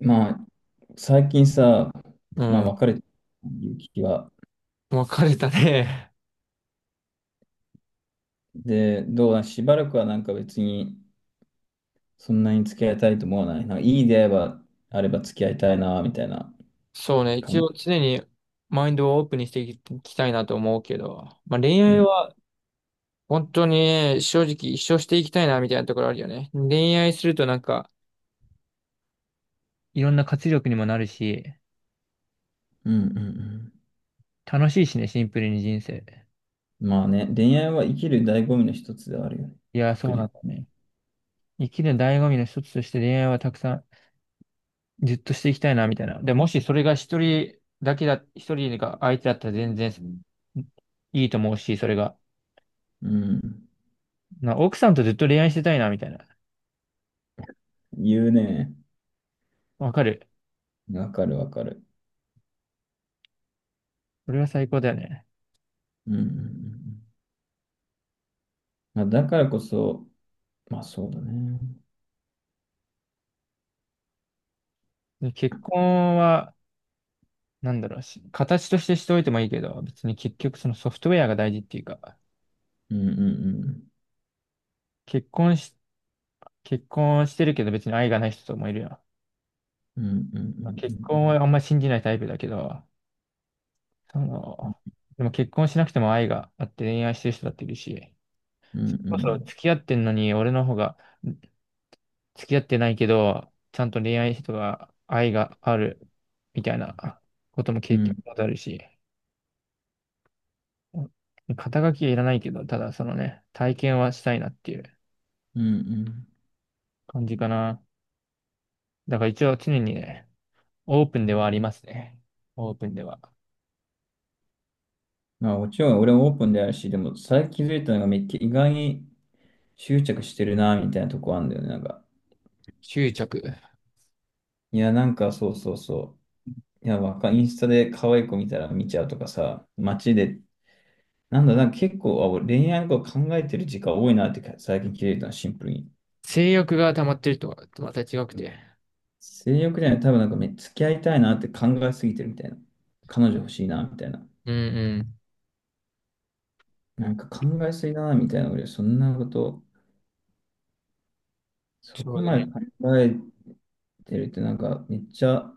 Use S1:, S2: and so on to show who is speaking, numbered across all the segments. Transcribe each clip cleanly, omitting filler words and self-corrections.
S1: まあ、最近さ、
S2: う
S1: まあ、
S2: ん。
S1: 別れてる気は。
S2: 別れたね。
S1: で、どうだ、しばらくは別に、そんなに付き合いたいと思わない。なんかいい出会いがあれば付き合いたいな、みたいな
S2: そうね。
S1: 感
S2: 一
S1: じ。
S2: 応常にマインドをオープンにしていきたいなと思うけど。まあ恋
S1: う
S2: 愛
S1: ん。
S2: は本当に正直一生していきたいなみたいなところあるよね。恋愛するとなんかいろんな活力にもなるし、
S1: うんうん
S2: 楽しいしね、シンプルに人生。
S1: うん。まあね、恋愛は生きる醍醐味の一つではあるよね。
S2: いや、そ
S1: 確
S2: うなんだ
S1: 実。
S2: ね。生きる醍醐味の一つとして恋愛はたくさんずっとしていきたいなみたいな。で、もしそれが一人だけだ、一人が相手だったら全然、うん、いいと思うし、それが。
S1: うん。
S2: 奥さんとずっと恋愛してたいなみたいな。
S1: 言うね。
S2: わかる。
S1: わかるわかる。
S2: これは最高だよね。
S1: うんうんうんうん。まあ、だからこそ、まあそうだね。
S2: で結婚は、なんだろうし、形としてしておいてもいいけど、別に結局そのソフトウェアが大事っていうか、
S1: うんうん
S2: 結婚し、結婚してるけど別に愛がない人ともいるよ。
S1: うん。うんうんう
S2: 結婚
S1: ん
S2: はあんま信じないタイプだけど、その、でも結婚しなくても愛があって恋愛してる人だっているし、
S1: う
S2: そ
S1: ん
S2: れ
S1: うん。う
S2: こそ
S1: ん
S2: 付き合ってんのに俺の方が付き合ってないけど、ちゃんと恋愛人が愛があるみたいなことも
S1: う
S2: 経験
S1: ん。
S2: もあるし、うん、肩書きはいらないけど、ただそのね、体験はしたいなっていう
S1: うんうん。
S2: 感じかな。だから一応常にね、オープンではありますね。オープンでは。
S1: まあもちろん俺もオープンであるし、でも最近気づいたのがめっちゃ意外に執着してるなみたいなとこあるんだよね。なんか、
S2: 執着。
S1: いやなんかそうそうそう。いやわか、インスタで可愛い子見たら見ちゃうとかさ、街で、なんだ、なんか結構俺恋愛のこと考えてる時間多いなってか最近気づいたの、シンプルに。
S2: 性欲が溜まってるとはまた違くて。
S1: 性欲じゃない、多分なんかめ、付き合いたいなって考えすぎてるみたいな。彼女欲しいなみたいな。
S2: うんうん。
S1: なんか考えすぎだなみたいな。俺そんなこと、そ
S2: そ
S1: こ
S2: うだ
S1: まで
S2: ね。
S1: 考えてるってなんかめっちゃ、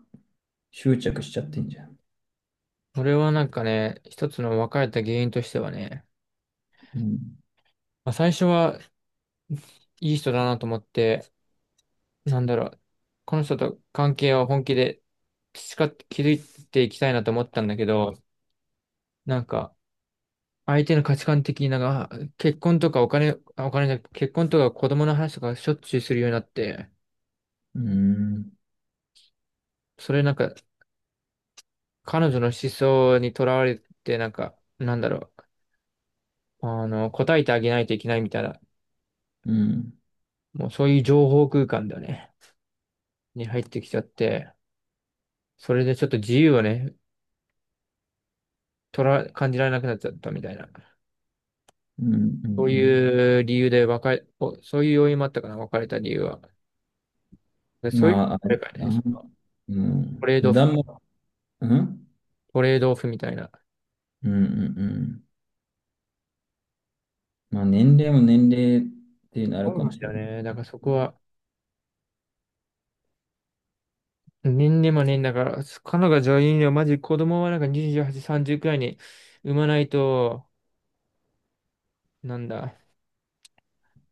S1: 執着しちゃってんじゃん。
S2: これはなんかね、一つの別れた原因としてはね、
S1: うん。
S2: まあ、最初はいい人だなと思って、なんだろう、この人と関係を本気で培って築いていきたいなと思ったんだけど、なんか、相手の価値観的になんか、結婚とかお金、あお金じゃなくて、結婚とか子供の話とかしょっちゅうするようになって、
S1: うん。
S2: それなんか、彼女の思想にとらわれて、なんか、なんだろう、答えてあげないといけないみたいな、
S1: うん。
S2: もうそういう情報空間だよね、に入ってきちゃって、それでちょっと自由をね、感じられなくなっちゃったみたいな。
S1: うん。うんう
S2: そう
S1: ん。
S2: いう理由で別れ、おそういう要因もあったかな、別れた理由は。でそういう、
S1: まあ、あれ
S2: あれ
S1: だ
S2: かね、
S1: な。う
S2: ト
S1: ん。
S2: レードオ
S1: 値
S2: フ、
S1: 段も、うん。
S2: トレードオフみたいな。
S1: うん。うんうん。まあ、年齢も年齢っていうのあ
S2: そ
S1: る
S2: う
S1: か
S2: な
S1: も
S2: ん
S1: し
S2: だ
S1: れ
S2: よ
S1: ない。
S2: ね。だからそこは、年でもね、だから、彼女が女優にはマジ子供はなんか28、30くらいに産まないと、なんだ、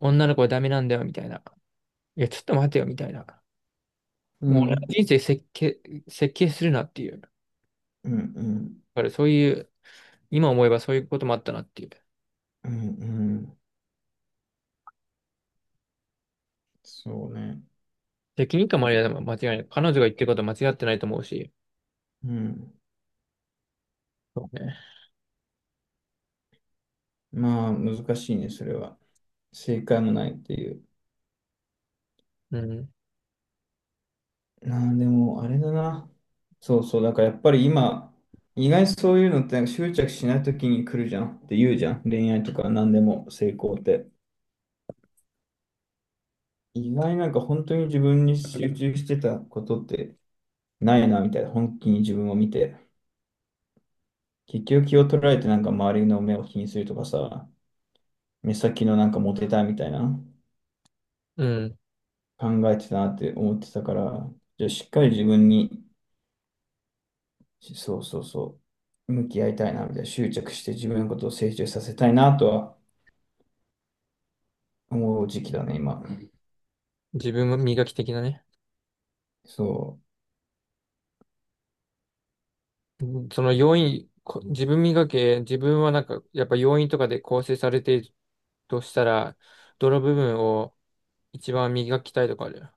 S2: 女の子はダメなんだよ、みたいな。いや、ちょっと待てよ、みたいな。
S1: う
S2: もう俺の
S1: ん。
S2: 人生設計、設計するなっていう。だ
S1: うん。うん。
S2: からそういう、今思えばそういうこともあったなっていう。
S1: うん。うん。そうね。
S2: 責任感もありだ、間違いない。彼女が言ってることは間違ってないと思うし。
S1: うん。
S2: そうね。
S1: まあ、難しいね、それは。正解もないっていう。
S2: うん。
S1: なあ、でも、あれだな。そうそう、だからやっぱり今、意外にそういうのってなんか執着しないときに来るじゃんって言うじゃん。恋愛とか何でも成功って。意外になんか本当に自分に集中してたことってないな、みたいな。本気に自分を見て。結局気を取られてなんか周りの目を気にするとかさ、目先のなんかモテたいみたいな
S2: うん。
S1: 考えてたなって思ってたから、じゃあしっかり自分に、そうそうそう、向き合いたいな、みたいな。執着して自分のことを成長させたいなとはもう時期だね、今。
S2: 自分も磨き的なね。
S1: そ
S2: うん、その要因、こ自分磨け、自分はなんか、やっぱ要因とかで構成されているとしたら、どの部分を一番磨きたいとかある。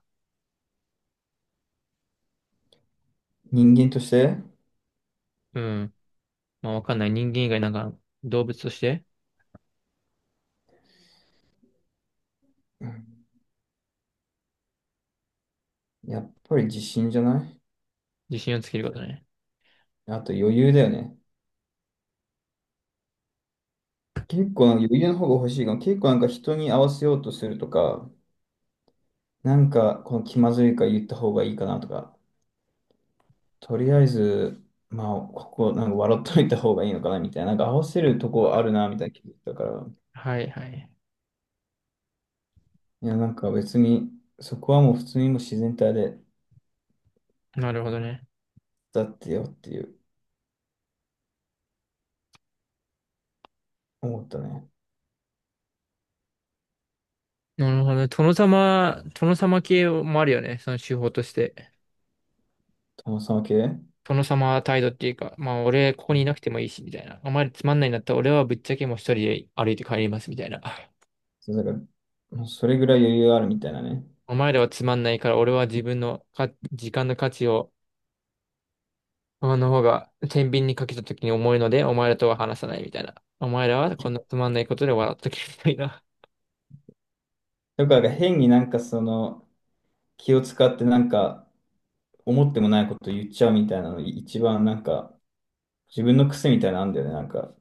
S1: う。人間として、
S2: うん。まあ、わかんない。人間以外なんか動物として
S1: やっぱり自信じゃない？
S2: 自信をつけることね。
S1: あと余裕だよね。結構なんか余裕の方が欲しいかも。結構なんか人に合わせようとするとか、なんかこの気まずいから言った方がいいかなとか、とりあえず、まあ、ここなんか笑っといた方がいいのかなみたいな、なんか合わせるとこあるなみたいな気づいたから、
S2: はいはい。
S1: いや、なんか別に、そこはもう普通にもう自然体で
S2: なるほどね。
S1: だってよっていう思ったね。
S2: なるほどね。殿様系もあるよね。その手法として。
S1: 友さんは系
S2: 殿様態度っていうか、まあ俺ここにいなくてもいいし、みたいな。お前らつまんないんだったら俺はぶっちゃけもう一人で歩いて帰ります、みたいな。
S1: そうだからそれぐらい余裕あるみたいなね。
S2: お前らはつまんないから、俺は自分の時間の価値を、あの方が天秤にかけた時に重いので、お前らとは話さないみたいな。お前らはこんなつまんないことで笑っとけみたいな。
S1: だからなんか変になんかその気を使ってなんか思ってもないこと言っちゃうみたいなの一番なんか自分の癖みたいなのあんだよね。なんか、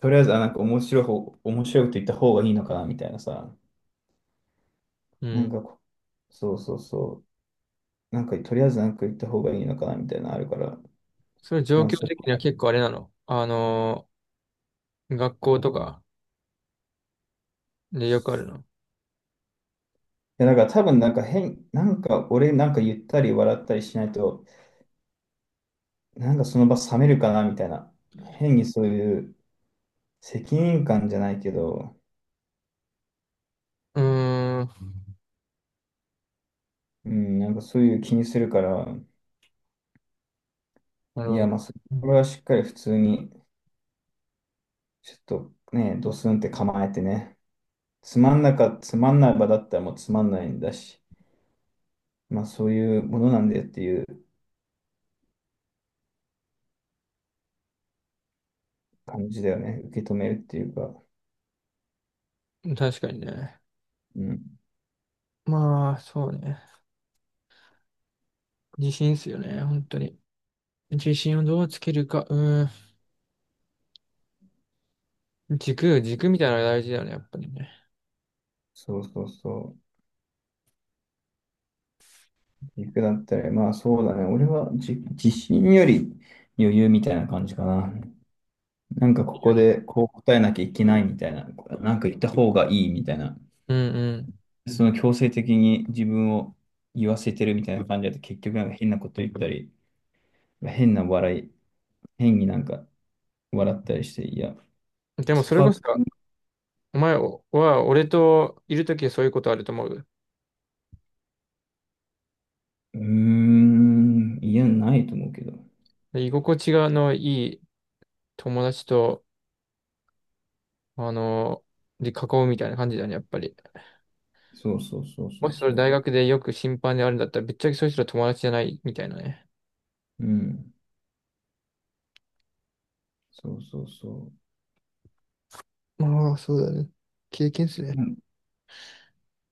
S1: とりあえずなんか面白い方、面白いこと言った方がいいのかなみたいなさ。
S2: う
S1: なん
S2: ん。
S1: かこ、そうそうそう。なんかとりあえずなんか言った方がいいのかなみたいなのあるから。
S2: それ
S1: い
S2: 状
S1: や、
S2: 況
S1: そう。
S2: 的には結構あれなの。学校とかでよくあるの。
S1: いや、だから多分なんか変、なんか俺なんか言ったり笑ったりしないと、なんかその場冷めるかなみたいな。変にそういう、責任感じゃないけど、
S2: うーん。
S1: うん、なんかそういう気にするから、
S2: なる
S1: い
S2: ほ
S1: や、
S2: ど
S1: まあ、これはしっかり普通に、ちょっとね、ドスンって構えてね、つまんない場だったらもうつまんないんだし、まあそういうものなんだよっていう感じだよね、受け止めるっていうか、
S2: ね。確かにね。
S1: うん、
S2: まあ、そうね。自信っすよね、本当に。自信をどうつけるか。うーん。軸、軸みたいなのが大事だよね、やっぱりね。
S1: そうそうそう、軸だったら、まあそうだね、俺は自信より余裕みたいな感じかな。なんかこ
S2: よ
S1: こ
S2: り。
S1: でこう答えなきゃいけないみたいな、なんか言った方がいいみたいな。
S2: うん
S1: その強制的に自分を言わせてるみたいな感じだと結局なんか変なこと言ったり、変な笑い、変になんか笑ったりして、いや、
S2: うん。でも
S1: そ
S2: そ
S1: こ
S2: れ
S1: は、
S2: こそ、お前は俺といるときはそういうことあると思う。
S1: うーん、いや、ないと思うけど。
S2: で居心地がのいい友達と、あの、で囲うみたいな感じだね、やっぱり。
S1: そうそうそうそ
S2: も
S1: う
S2: しそれ大
S1: そ
S2: 学でよく審判であるんだったら、ぶっちゃけそういう人は友達じゃないみたいなね。
S1: う。うん、そうそうそ
S2: ああ、そうだね。経験っすね。
S1: う。うん。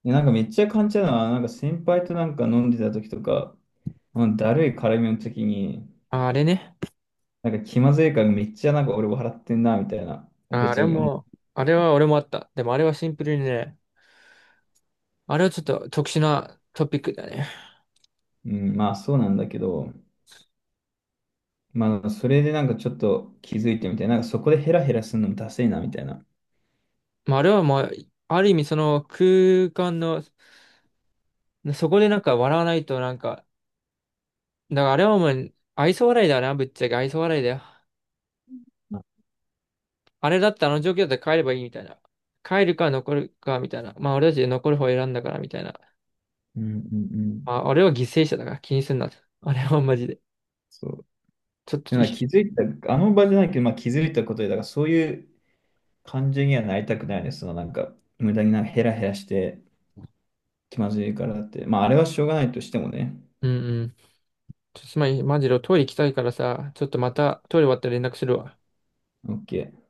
S1: でなんかめっちゃ感じたのは、なんか先輩となんか飲んでた時とか、あのだるい絡みの時に、
S2: ああれね。
S1: なんか気まずいからめっちゃなんか俺笑ってんな、みたいな。
S2: ああ
S1: 別
S2: れ
S1: に思う、
S2: も、あれは俺もあった。でもあれはシンプルにね、あれはちょっと特殊なトピックだね。
S1: うん、まあそうなんだけど、まあ、それでなんかちょっと気づいてみたいな、なんかそこでヘラヘラするのもダセいな、みたいな。
S2: まあ、あれはもう、ある意味その空間の、そこでなんか笑わないとなんか、だからあれはもう愛想笑いだな、ぶっちゃけ愛想笑いだよ。
S1: ま
S2: あれだったらあの状況だったら帰ればいいみたいな。帰るか残るかみたいな。まあ俺たちで残る方を選んだからみたいな。
S1: うんうんう
S2: ま
S1: ん。
S2: あ俺は犠牲者だから気にすんな。あれはマジで。
S1: そう。
S2: ちょっ
S1: で
S2: と
S1: なんか
S2: い、
S1: 気づいた、あの場じゃないけど、まあ気づいたことで、だからそういう感じにはなりたくないです。そのなんか、無駄になんかヘラヘラして気まずいからって。まあ、あれはしょうがないとしてもね。
S2: うんうん。ちょっとすまん、マジでトイレ行きたいからさ、ちょっとまたトイレ終わったら連絡するわ。
S1: OK。